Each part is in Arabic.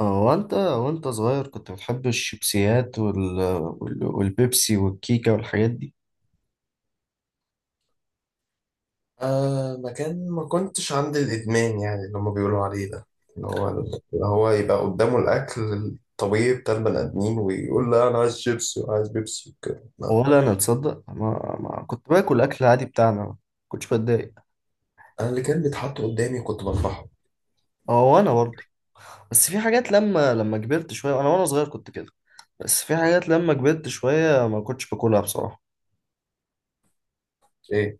اه، وانت صغير كنت بتحب الشيبسيات والبيبسي والكيكة والحاجات دي. آه، مكان ما كنتش عند الإدمان، يعني اللي هما بيقولوا عليه ده، اللي هو يبقى قدامه الأكل الطبيعي بتاع البني آدمين ويقول لا، أنا عايز شيبسي وعايز بيبسي وكده. لا، ولا انا تصدق، ما كنت باكل اكل عادي بتاعنا، ما كنتش بتضايق. أنا اللي كان بيتحط قدامي كنت بطبخه. اه، وانا برضه. بس في حاجات لما كبرت شوية، انا وانا صغير كنت كده. بس في حاجات لما كبرت شوية ما كنتش باكلها بصراحة. إيه؟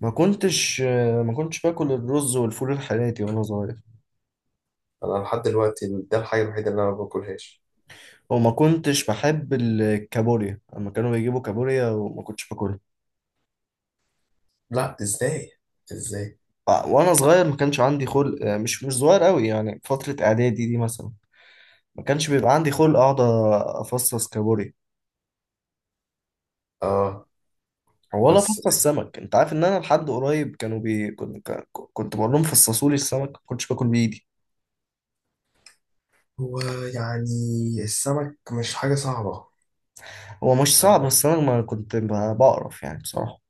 ما كنتش ما كنتش باكل الرز والفول الحراتي وانا صغير، أنا لحد دلوقتي، ده الحاجة الوحيدة اللي أنا ما باكلهاش. وما كنتش بحب الكابوريا، لما كانوا بيجيبوا كابوريا وما كنتش باكلها. لا، إزاي؟ إزاي؟ آه، وانا صغير ما كانش عندي خلق، مش صغير قوي يعني، فتره اعدادي دي مثلا ما كانش بيبقى عندي خلق اقعد افصص كابوريا آه، ولا بس افصص سمك. انت عارف ان انا لحد قريب كانوا بي كنت ك- كنت بقول لهم فصصوا لي السمك، ما كنتش باكل بايدي. هو يعني السمك مش حاجة صعبة. هو مش صعب، بس انا ما كنت ب- بقرف يعني بصراحه.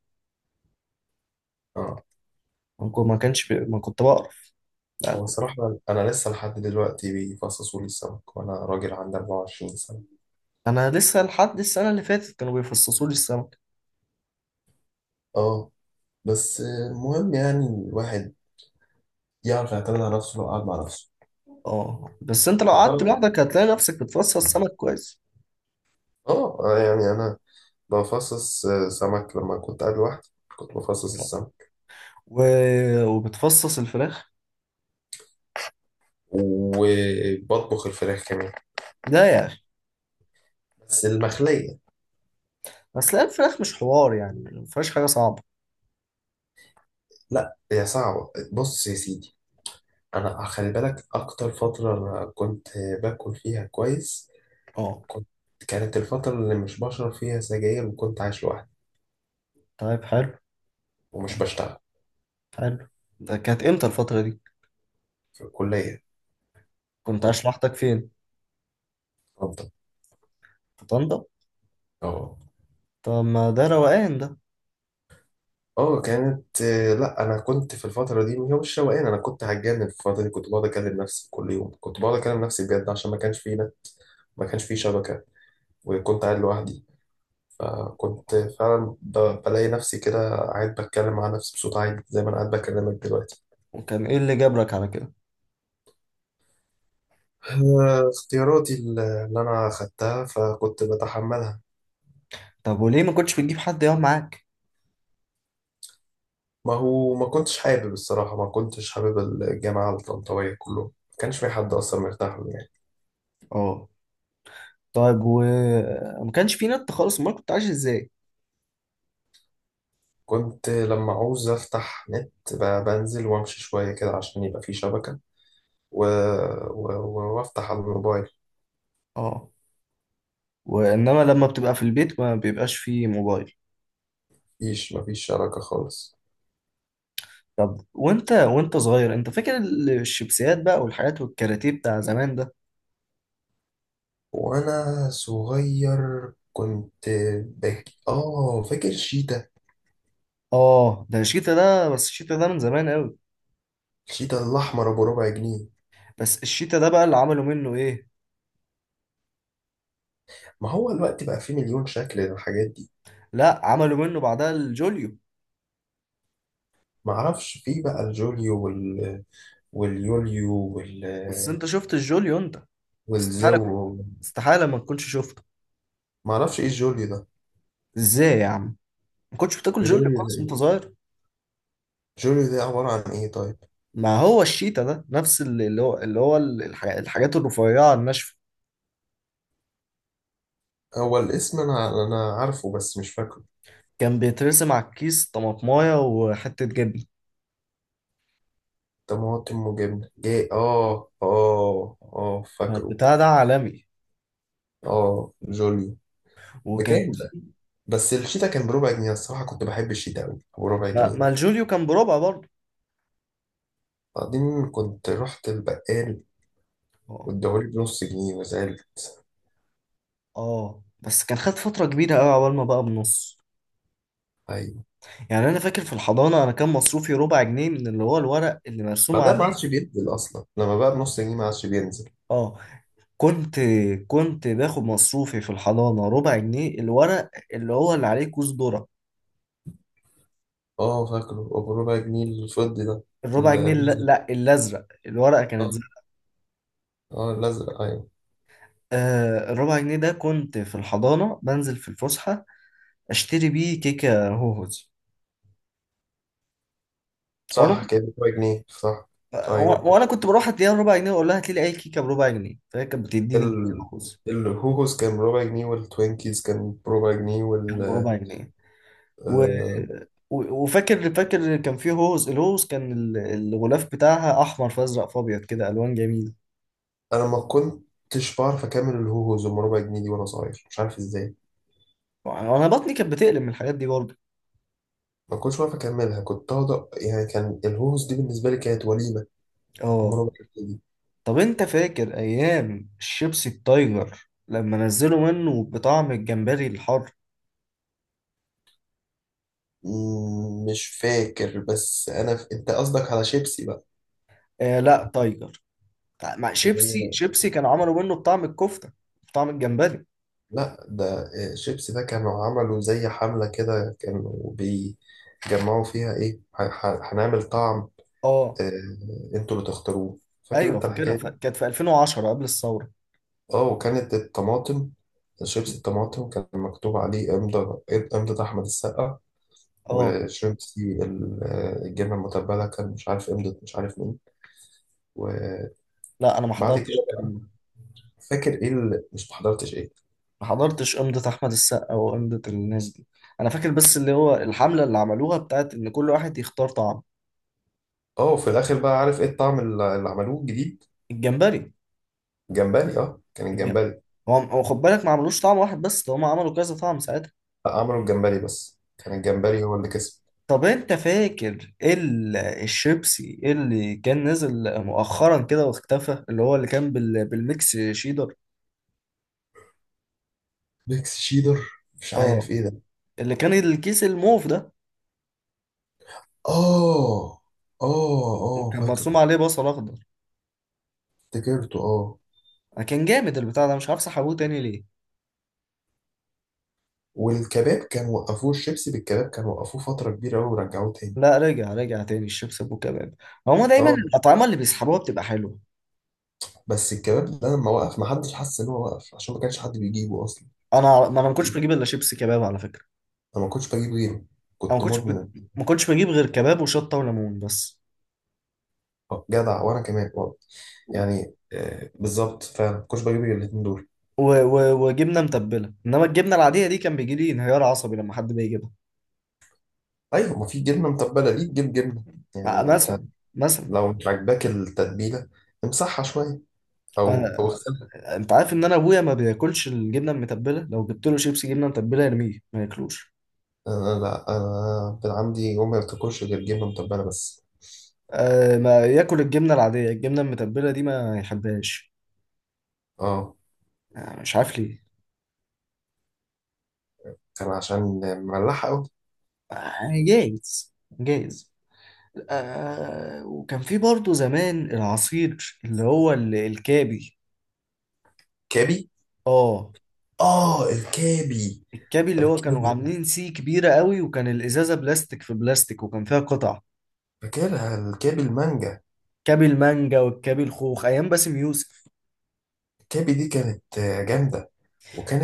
اه، ما كنت- ما كانش بي... ما كنت بقرف، لا هو كنت. صراحة أنا لسه لحد دلوقتي بيفصصوا لي السمك وأنا راجل عندي 24 سنة. انا لسه لحد السنه اللي فاتت كانوا بيفصصوا لي السمك. اه، بس المهم يعني الواحد يعرف يعتمد على نفسه لو قعد مع نفسه. اه، بس انت لو قعدت أقل، لوحدك هتلاقي نفسك بتفصص سمك كويس. اه، يعني انا بفصص سمك، لما كنت قاعد لوحدي كنت بفصص السمك، و... وبتفصص الفراخ؟ وبطبخ الفراخ كمان، لا يا أخي. بس المخلية. بس لا، الفراخ مش حوار يعني، ما فيهاش حاجة صعبة. لا، هي صعبة، بص يا سيدي، انا خلي بالك اكتر فترة أنا كنت باكل فيها كويس، اه. كنت كانت الفترة اللي مش بشرب فيها سجاير وكنت عايش لوحدي طيب، حلو. ومش بشتغل، حلو. ده كانت امتى الفترة دي؟ في الكلية كنت كنت عايش لوحدك فين؟ بفضل. في طنطا؟ اه، طب ما ده روقان ده. اه كانت، لا انا كنت في الفتره دي هو مش روقان، انا كنت هتجنن في الفتره دي، كنت بقعد اكلم نفسي كل يوم، كنت بقعد اكلم نفسي بجد عشان ما كانش فيه نت، ما كانش فيه شبكه وكنت قاعد لوحدي، فكنت فعلا بلاقي نفسي كده قاعد بتكلم مع نفسي بصوت عالي زي ما انا قاعد بكلمك دلوقتي. وكان ايه اللي جبرك على كده؟ اختياراتي اللي انا خدتها فكنت بتحملها. طب وليه ما كنتش بتجيب حد يقعد معاك؟ ما هو ما كنتش حابب، الصراحه ما كنتش حابب الجامعه الطنطاويه كله، ما كانش في حد اصلا مرتاح له يعني. اه، طيب. ما كانش في نت خالص، امال كنت عايش ازاي؟ كنت لما عاوز أفتح نت بنزل وأمشي شوية كده عشان يبقى في شبكة، و... وأفتح على الموبايل. اه، وانما لما بتبقى في البيت ما بيبقاش فيه موبايل. مفيش شبكة خالص. طب وانت صغير، انت فاكر الشيبسيات بقى والحاجات والكاراتيه بتاع زمان ده؟ وأنا صغير كنت بك آه فاكر شيتا، اه ده الشيتا، ده بس الشيتا ده من زمان قوي. الشيتا الأحمر أبو ربع جنيه. بس الشيتا ده بقى اللي عملوا منه ايه. ما هو الوقت بقى فيه مليون شكل للحاجات دي. لا، عملوا منه بعدها الجوليو. معرفش، فيه بقى الجوليو واليوليو بس انت شفت الجوليو انت؟ والزو. استحالة، استحالة ما تكونش شفته. معرفش إيه الجوليو ده. ازاي يا عم، ما كنتش بتاكل جوليو الجوليو ده خالص وانت إيه؟ صغير؟ الجوليو ده عبارة عن إيه طيب؟ ما هو الشيتا ده نفس الحاجات الرفيعة الناشفة. هو الاسم انا عارفه بس مش فاكره. كان بيترسم على الكيس طماطمايه وحتة جبنة. طماطم وجبنه، جاي، اه اه اه، فاكره، البتاع ده عالمي. اه جوليو. وكان بكام ده؟ بس الشيتا كان بربع جنيه، الصراحه كنت بحب الشيتا قوي بربع ما, جنيه ما ده. الجوليو كان بربع برضه. بعدين كنت رحت البقال اه، واداهولي بنص جنيه وزعلت. اه، بس كان خد فترة كبيرة قوي عقبال ما بقى بنص. ايوه، يعني انا فاكر في الحضانه، انا كان مصروفي ربع جنيه من اللي هو الورق اللي مرسوم بعدها ما عادش عليه. بينزل اصلا، لما بقى بنص جنيه ما عادش بينزل. اه، كنت كنت باخد مصروفي في الحضانه ربع جنيه، الورق اللي هو اللي عليه كوز ذره. اه، فاكره بربع جنيه الفضي ده. الربع جنيه، لا، الازرق، لا، الازرق، الورقه كانت اه. زرق. الازرق، ايوه. آه، الربع جنيه ده كنت في الحضانه بنزل في الفسحه اشتري بيه كيكه هوهوز. وانا صح كده، بربع جنيه، صح. ايوه، وانا كنت بروح اديها ربع جنيه واقول لها هات لي اي كيكه بربع جنيه، فهي كانت بتديني كيكه ال... هوهوز الهوهوس كان بربع جنيه والتوينكيز كان بربع جنيه. بربع جنيه. و... آه... وفاكر كان فيه هوز، الهوز كان الغلاف بتاعها احمر فازرق فابيض كده، الوان جميله. انا ما كنتش بعرف اكمل الهوهوز ام ربع جنيه دي وانا صغير، مش عارف ازاي. وانا بطني كانت بتقلب من الحاجات دي برضه. ما كنتش بعرف اكملها، كنت اقعد يعني كان الهوهوز دي بالنسبه لي كانت وليمه، ام اه، ربع جنيه دي. طب انت فاكر ايام الشيبسي التايجر لما نزلوا منه بطعم الجمبري الحر؟ مش فاكر، بس انا انت قصدك على شيبسي بقى. آه لا، تايجر مع شيبسي لأن- شيبسي كانوا عملوا منه بطعم الكفته، بطعم الجمبري. لا، ده شيبسي ده كانوا عملوا زي حمله كده، كانوا بيجمعوا فيها ايه، هنعمل طعم. اه، آه، انتوا اللي تختاروه. فاكر ايوه انت فاكرها، الحكايه دي؟ كانت في 2010 قبل الثوره. اه، وكانت الطماطم، شيبس الطماطم كان مكتوب عليه امضة احمد السقا. اه، وشيبسي الجبنه المتبله كان مش عارف امضة مش عارف مين. وبعد لا، انا ما كده، حضرتش الكلام ده، فاكر ايه اللي مش محضرتش ايه. ما حضرتش قمة أحمد السقا وقمة الناس دي. أنا فاكر بس اللي هو الحملة اللي عملوها بتاعت إن كل واحد يختار طعم. اه، وفي الاخر بقى عارف ايه الطعم اللي عملوه الجديد؟ الجمبري. جمبري، اه، كان الجمبري الجمبري. هو خد بالك ما عملوش طعم واحد بس، ده هم عملوا كذا طعم ساعتها. لا، عملوا الجمبري، بس كان الجمبري هو اللي كسب. طب أنت فاكر الشيبسي اللي كان نزل مؤخرا كده واختفى، اللي هو اللي كان بالميكس شيدر؟ ميكس شيدر، مش عارف اه، ايه ده. اللي كان الكيس الموف ده، اه اه اه وكان فاكر، مرسوم عليه بصل أخضر. افتكرته اه. أنا كان جامد البتاع ده، مش عارف سحبوه تاني ليه. والكباب كان وقفوه، الشيبسي بالكباب كان وقفوه فترة كبيرة أوي ورجعوه تاني. لا، رجع رجع تاني الشيبس ابو كباب. هما دايما اه، الاطعمه اللي بيسحبوها بتبقى حلوه. بس الكباب ده لما وقف محدش حس إن هو وقف عشان ما كانش حد بيجيبه أصلا. انا ما كنتش بجيب الا شيبس كباب على فكره. أنا ما كنتش بجيب غيره، انا ما كنت كنتش بج... مدمن. ما كنتش بجيب غير كباب وشطه وليمون بس. آه، جدع، وأنا كمان برضه. و... يعني بالظبط، فعلا ما كنتش بجيب غير الاتنين دول. وجبنه متبله، انما الجبنه العاديه دي كان بيجي لي انهيار عصبي لما حد بيجيبها. أيوة، ما في جبنة متبلة ليه تجيب جبنة؟ يعني مع- ما أنت مثلا مثلا لو مش عاجباك التتبيلة امسحها شوية، أو أنا... اغسلها. انت عارف ان انا ابويا ما بياكلش الجبنه المتبله، لو جبت له شيبس جبنه متبله يرميه ما ياكلوش. أنا، لا أنا كان عندي أمي ما بتاكلش غير جبنة متبلة بس. أه، ما ياكل الجبنه العاديه، الجبنه المتبله دي ما يحبهاش. اه، آه، مش عارف ليه. كان عشان مملحة. يعني جايز، جايز. آه، وكان في برضه زمان العصير اللي هو الكابي. كابي، اه، اه، الكابي الكابي اللي هو كانوا الكابي عاملين سي كبيرة قوي، وكان الإزازة بلاستيك في بلاستيك وكان فيها قطع. فاكرها، الكابي المانجا. كابي المانجا والكابي الخوخ أيام باسم يوسف. الكابي دي كانت جامدة،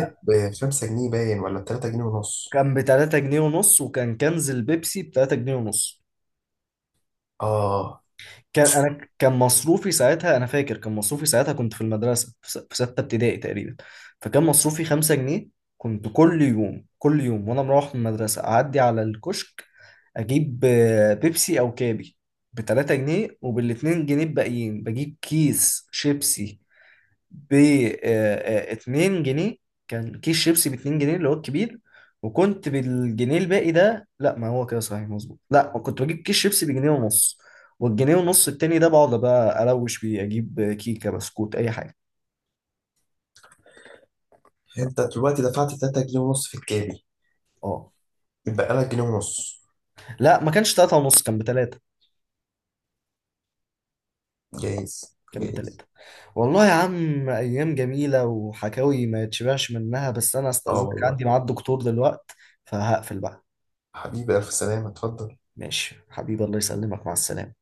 آه، ب5 جنيه باين، ولا ب3 جنيه ونص؟ كان بتلاتة جنيه ونص، وكان كنز البيبسي بتلاتة جنيه ونص. اه. كان مصروفي ساعتها، انا فاكر، كان مصروفي ساعتها كنت في المدرسه في سته ابتدائي تقريبا، فكان مصروفي 5 جنيه. كنت كل يوم، كل يوم وانا مروح من المدرسه اعدي على الكشك اجيب بيبسي او كابي ب 3 جنيه، وبال 2 جنيه الباقيين بجيب كيس شيبسي ب 2 جنيه. كان كيس شيبسي ب 2 جنيه اللي هو الكبير. وكنت بالجنيه الباقي ده، لا ما هو كده صحيح مظبوط، لا كنت بجيب كيس شيبسي بجنيه ونص، والجنيه ونص التاني ده بقعد بقى اروش بيه اجيب كيكه بسكوت اي حاجه. انت دلوقتي دفعت 3 جنيه ونص في الكابي، اه، يتبقى لك جنيه ونص. لا ما كانش 3 ونص، كان بتلاتة، جايز، كان جايز. بتلاتة. والله يا عم ايام جميله وحكاوي ما يتشبعش منها، بس انا اه استاذنك عندي والله. ميعاد دكتور دلوقت فهقفل بقى. حبيبي ألف سلامة، اتفضل. ماشي حبيبي، الله يسلمك، مع السلامه.